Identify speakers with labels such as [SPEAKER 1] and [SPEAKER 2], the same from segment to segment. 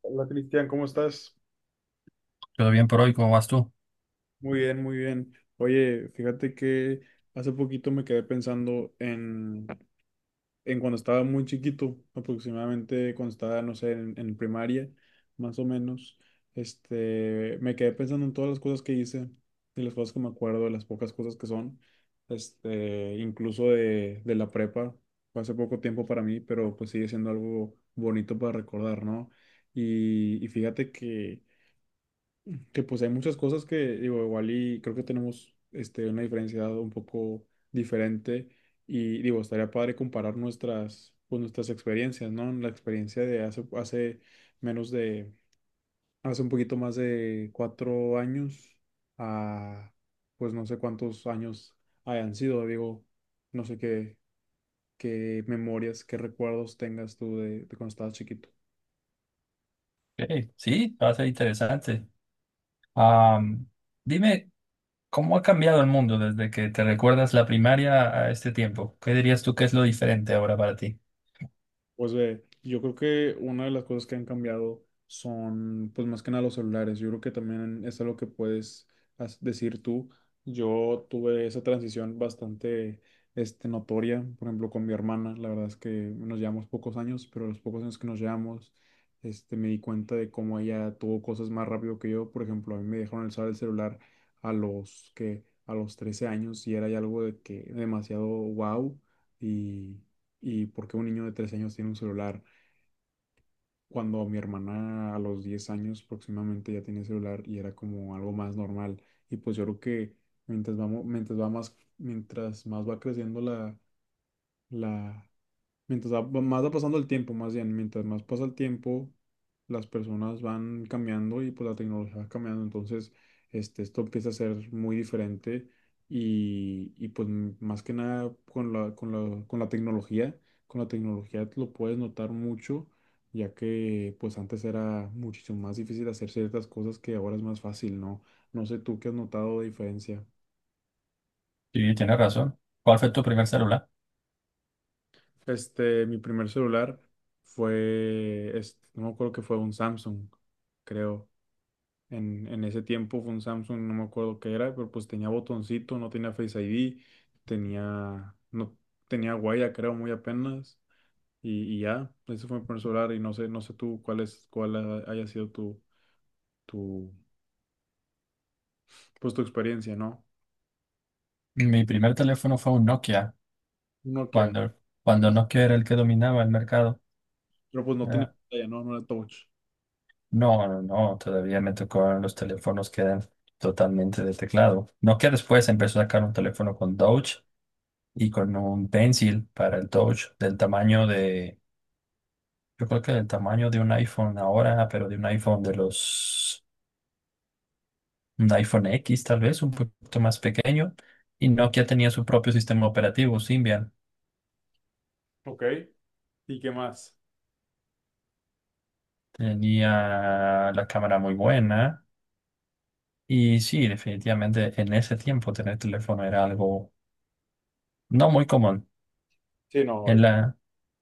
[SPEAKER 1] Hola Cristian, ¿cómo estás?
[SPEAKER 2] Todo bien por hoy, ¿cómo vas tú?
[SPEAKER 1] Muy bien, muy bien. Oye, fíjate que hace poquito me quedé pensando en cuando estaba muy chiquito, aproximadamente cuando estaba, no sé, en primaria, más o menos. Me quedé pensando en todas las cosas que hice y las cosas que me acuerdo, de las pocas cosas que son. Incluso de la prepa, fue hace poco tiempo para mí, pero pues sigue siendo algo bonito para recordar, ¿no? Y fíjate que pues hay muchas cosas que, digo, igual y creo que tenemos este, una diferencia un poco diferente y digo, estaría padre comparar nuestras, pues, nuestras experiencias, ¿no? La experiencia de hace, hace menos de, hace un poquito más de cuatro años a, pues no sé cuántos años hayan sido, digo, no sé qué, qué memorias, qué recuerdos tengas tú de cuando estabas chiquito.
[SPEAKER 2] Ok. Sí, va a ser interesante. Am, dime, ¿cómo ha cambiado el mundo desde que te recuerdas la primaria a este tiempo? ¿Qué dirías tú que es lo diferente ahora para ti?
[SPEAKER 1] Pues ve, yo creo que una de las cosas que han cambiado son, pues más que nada los celulares. Yo creo que también es algo que puedes decir tú. Yo tuve esa transición bastante, notoria, por ejemplo, con mi hermana. La verdad es que nos llevamos pocos años, pero los pocos años que nos llevamos, me di cuenta de cómo ella tuvo cosas más rápido que yo. Por ejemplo, a mí me dejaron usar el celular a los 13 años y era ya algo de que demasiado wow. y y por qué un niño de tres años tiene un celular cuando mi hermana a los 10 años próximamente ya tenía celular y era como algo más normal. Y pues yo creo que mientras vamos, mientras va más, mientras más va creciendo la, más va pasando el tiempo, más bien, mientras más pasa el tiempo, las personas van cambiando y pues la tecnología va cambiando. Entonces, esto empieza a ser muy diferente y pues más que nada con con la tecnología lo puedes notar mucho, ya que pues antes era muchísimo más difícil hacer ciertas cosas que ahora es más fácil, ¿no? No sé tú qué has notado de diferencia.
[SPEAKER 2] Sí, tienes razón. ¿Cuál fue tu primer celular?
[SPEAKER 1] Mi primer celular fue, no me acuerdo que fue un Samsung, creo. En ese tiempo fue un Samsung, no me acuerdo qué era, pero pues tenía botoncito, no tenía Face ID, tenía, no, tenía huella, creo, muy apenas. Y ya, ese fue mi primer celular y no sé, no sé tú cuál es, haya sido tu, pues tu experiencia, ¿no?
[SPEAKER 2] Mi primer teléfono fue un Nokia,
[SPEAKER 1] Un Nokia,
[SPEAKER 2] cuando, cuando Nokia era el que dominaba el mercado.
[SPEAKER 1] pero pues no tiene
[SPEAKER 2] Ah,
[SPEAKER 1] pantalla, ¿no? No era touch.
[SPEAKER 2] no, no, no, todavía me tocaron los teléfonos que eran totalmente de teclado. No que después empezó a sacar un teléfono con Touch y con un Pencil para el Touch del tamaño de, yo creo que del tamaño de un iPhone ahora, pero de un iPhone de los, un iPhone X tal vez, un poquito más pequeño. Y Nokia tenía su propio sistema operativo, Symbian.
[SPEAKER 1] Ok, ¿y qué más?
[SPEAKER 2] Tenía la cámara muy buena. Y sí, definitivamente en ese tiempo tener teléfono era algo no muy común.
[SPEAKER 1] Sí, no,
[SPEAKER 2] En
[SPEAKER 1] ahorita.
[SPEAKER 2] la...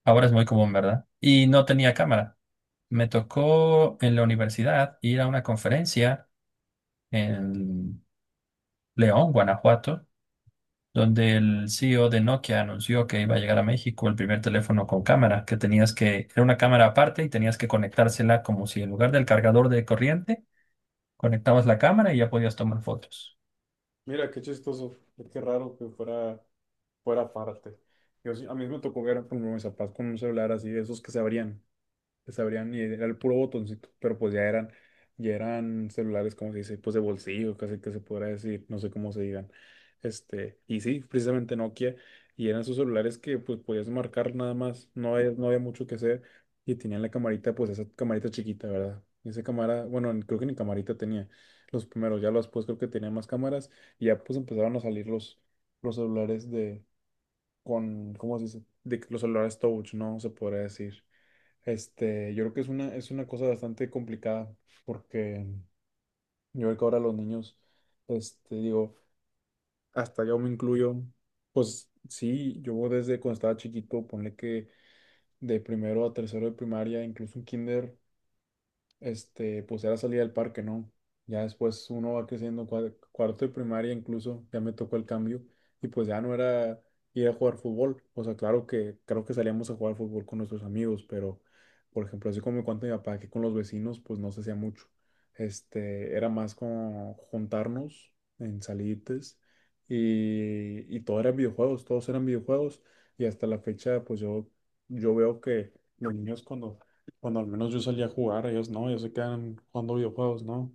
[SPEAKER 2] Ahora es muy común, ¿verdad? Y no tenía cámara. Me tocó en la universidad ir a una conferencia en León, Guanajuato, donde el CEO de Nokia anunció que iba a llegar a México el primer teléfono con cámara, que tenías que, era una cámara aparte y tenías que conectársela como si en lugar del cargador de corriente, conectabas la cámara y ya podías tomar fotos.
[SPEAKER 1] Mira, qué chistoso, pues, qué raro que fuera, fuera parte. A mí me tocó ver como mis papás con un celular así, de esos que se abrían les abrían y era el puro botoncito, pero pues ya eran celulares, como se dice, pues de bolsillo, casi que se podrá decir, no sé cómo se digan. Y sí, precisamente Nokia, y eran sus celulares que pues podías marcar nada más, no había, no había mucho que hacer, y tenían la camarita, pues esa camarita chiquita, ¿verdad? Esa cámara, bueno, creo que ni camarita tenía los primeros, ya los después creo que tenían más cámaras, y ya pues empezaron a salir los celulares de, con, ¿cómo se dice? De que los celulares touch, ¿no? Se podría decir. Yo creo que es una cosa bastante complicada porque yo creo que ahora los niños, digo, hasta yo me incluyo, pues sí, yo desde cuando estaba chiquito, ponle que de primero a tercero de primaria, incluso en kinder, pues era salir al parque, ¿no? Ya después uno va creciendo, cuarto y primaria incluso, ya me tocó el cambio y pues ya no era ir a jugar fútbol. O sea, claro que salíamos a jugar fútbol con nuestros amigos, pero por ejemplo, así como me cuenta mi papá que con los vecinos, pues no se hacía mucho. Era más como juntarnos en salites y todo eran videojuegos, todos eran videojuegos y hasta la fecha, pues yo veo que los niños cuando al menos yo salía a jugar, ellos no, ellos se quedan jugando videojuegos, ¿no?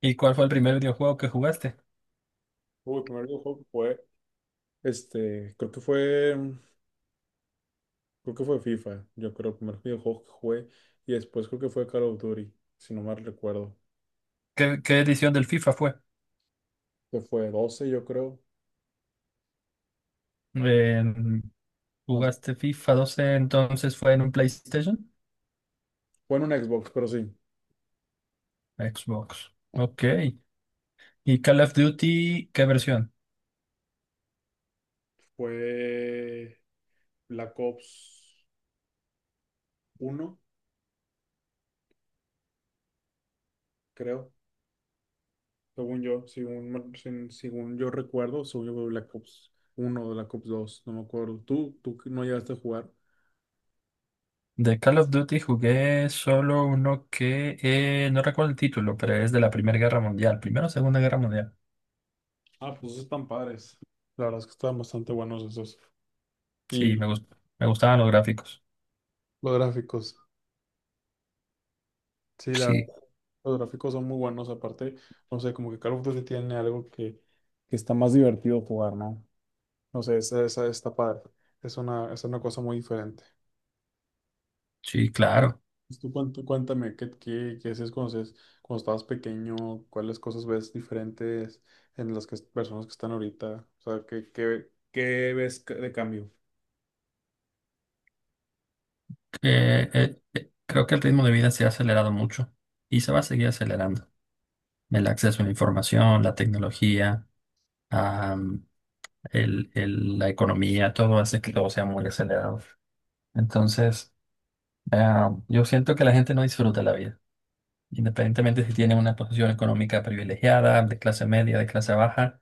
[SPEAKER 2] ¿Y cuál fue el primer videojuego que jugaste?
[SPEAKER 1] Uy, el primer videojuego que jugué, creo que fue, creo que fue FIFA, yo creo, el primer videojuego que jugué, y después creo que fue Call of Duty, si no mal recuerdo,
[SPEAKER 2] ¿Qué, qué edición del FIFA fue?
[SPEAKER 1] que fue 12, yo creo,
[SPEAKER 2] Eh,
[SPEAKER 1] o sea,
[SPEAKER 2] ¿Jugaste FIFA 12, entonces fue en un PlayStation?
[SPEAKER 1] fue en un Xbox, pero sí,
[SPEAKER 2] Xbox. Ok. ¿Y Call of Duty, qué versión?
[SPEAKER 1] fue Black Ops uno creo, según yo, según yo recuerdo, según yo fue Black Ops 1 o Black Ops 2 no me acuerdo, tú no llegaste a jugar?
[SPEAKER 2] De Call of Duty jugué solo uno que no recuerdo el título, pero es de la Primera Guerra Mundial. Primera o Segunda Guerra Mundial.
[SPEAKER 1] Ah, pues están padres. La verdad es que están bastante buenos esos.
[SPEAKER 2] Sí,
[SPEAKER 1] Y
[SPEAKER 2] me gustaban los gráficos.
[SPEAKER 1] los gráficos. Sí, la verdad,
[SPEAKER 2] Sí,
[SPEAKER 1] los gráficos son muy buenos. Aparte, no sé, como que Call of Duty tiene algo que está más divertido jugar, ¿no? No sé, esa está padre. Es una cosa muy diferente.
[SPEAKER 2] sí, claro.
[SPEAKER 1] Pues tú cuéntame, ¿qué, qué, qué hacías cuando, cuando estabas pequeño? ¿Cuáles cosas ves diferentes en las que, personas que están ahorita? O sea, ¿qué, qué, qué ves de cambio?
[SPEAKER 2] Creo que el ritmo de vida se ha acelerado mucho y se va a seguir acelerando. El acceso a la información, la tecnología. La economía, todo hace que todo sea muy acelerado. Entonces, yo siento que la gente no disfruta la vida, independientemente si tiene una posición económica privilegiada, de clase media, de clase baja,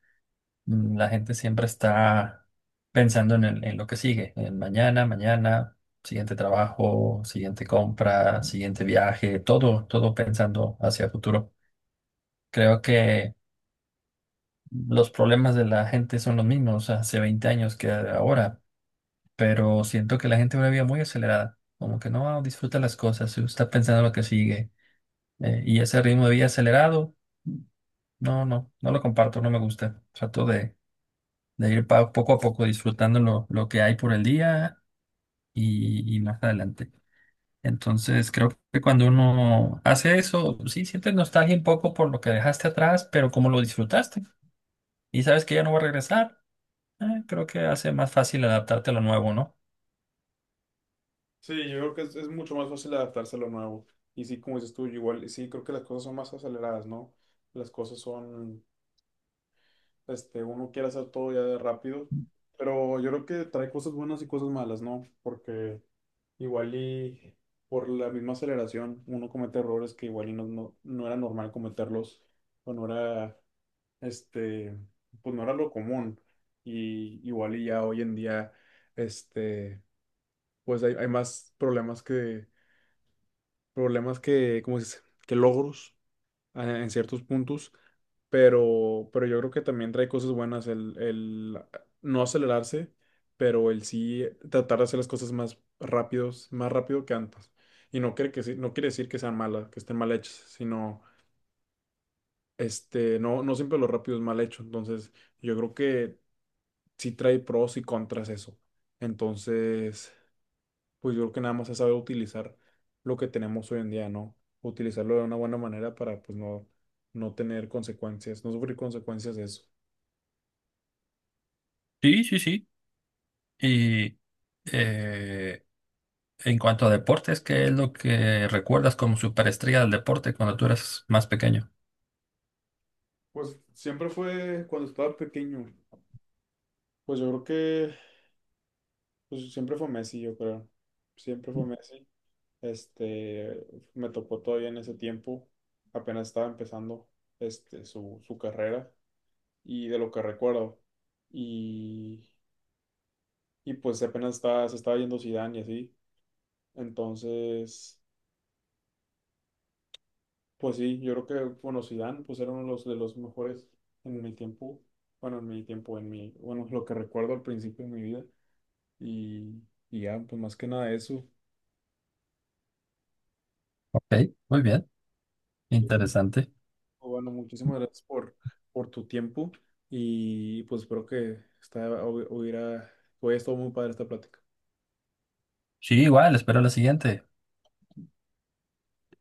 [SPEAKER 2] la gente siempre está pensando en lo que sigue, en mañana, mañana, siguiente trabajo, siguiente compra, siguiente viaje, todo, todo pensando hacia el futuro. Creo que los problemas de la gente son los mismos hace 20 años que ahora, pero siento que la gente va una vida muy acelerada, como que no disfruta las cosas, se está pensando en lo que sigue, y ese ritmo de vida acelerado, no, no, no lo comparto, no me gusta. Trato de, poco a poco disfrutando lo que hay por el día y más adelante. Entonces, creo que cuando uno hace eso, sí sientes nostalgia un poco por lo que dejaste atrás, pero como lo disfrutaste y sabes que ya no va a regresar, creo que hace más fácil adaptarte a lo nuevo, ¿no?
[SPEAKER 1] Sí, yo creo que es mucho más fácil adaptarse a lo nuevo. Y sí, como dices tú, yo igual, sí, creo que las cosas son más aceleradas, ¿no? Las cosas son, uno quiere hacer todo ya de rápido, pero yo creo que trae cosas buenas y cosas malas, ¿no? Porque igual y por la misma aceleración uno comete errores que igual y no, no, no era normal cometerlos, o no era, este, pues no era lo común. Y igual y ya hoy en día, este, pues hay más problemas que, ¿cómo se dice? Que logros en ciertos puntos, pero yo creo que también trae cosas buenas el no acelerarse, pero el sí tratar de hacer las cosas más rápidos, más rápido que antes. Y no quiere, no quiere decir que sean malas, que estén mal hechas, sino no, no siempre lo rápido es mal hecho. Entonces, yo creo que sí trae pros y contras eso. Entonces, pues yo creo que nada más es saber utilizar lo que tenemos hoy en día, ¿no? Utilizarlo de una buena manera para pues no, no tener consecuencias, no sufrir consecuencias de eso.
[SPEAKER 2] Sí, sí, sí. Y eh, en cuanto a deportes, ¿qué es lo que recuerdas como superestrella del deporte cuando tú eras más pequeño?
[SPEAKER 1] Pues siempre fue cuando estaba pequeño. Pues yo creo que pues, siempre fue Messi, yo creo. Siempre fue Messi. Este, Me tocó todavía en ese tiempo. Apenas estaba empezando su carrera y de lo que recuerdo. Y, y pues apenas estaba, se estaba yendo Zidane y así. Entonces, pues sí, yo creo que, bueno, Zidane, pues era uno de los mejores en mi tiempo, bueno, en mi tiempo, en mi, bueno, lo que recuerdo al principio de mi vida, y, y ya, pues más que nada eso,
[SPEAKER 2] Ok, muy bien, interesante.
[SPEAKER 1] bueno, muchísimas gracias por tu tiempo, y pues espero que esta, hubiera, hubiera estado muy padre esta plática.
[SPEAKER 2] Sí, igual, espero la siguiente.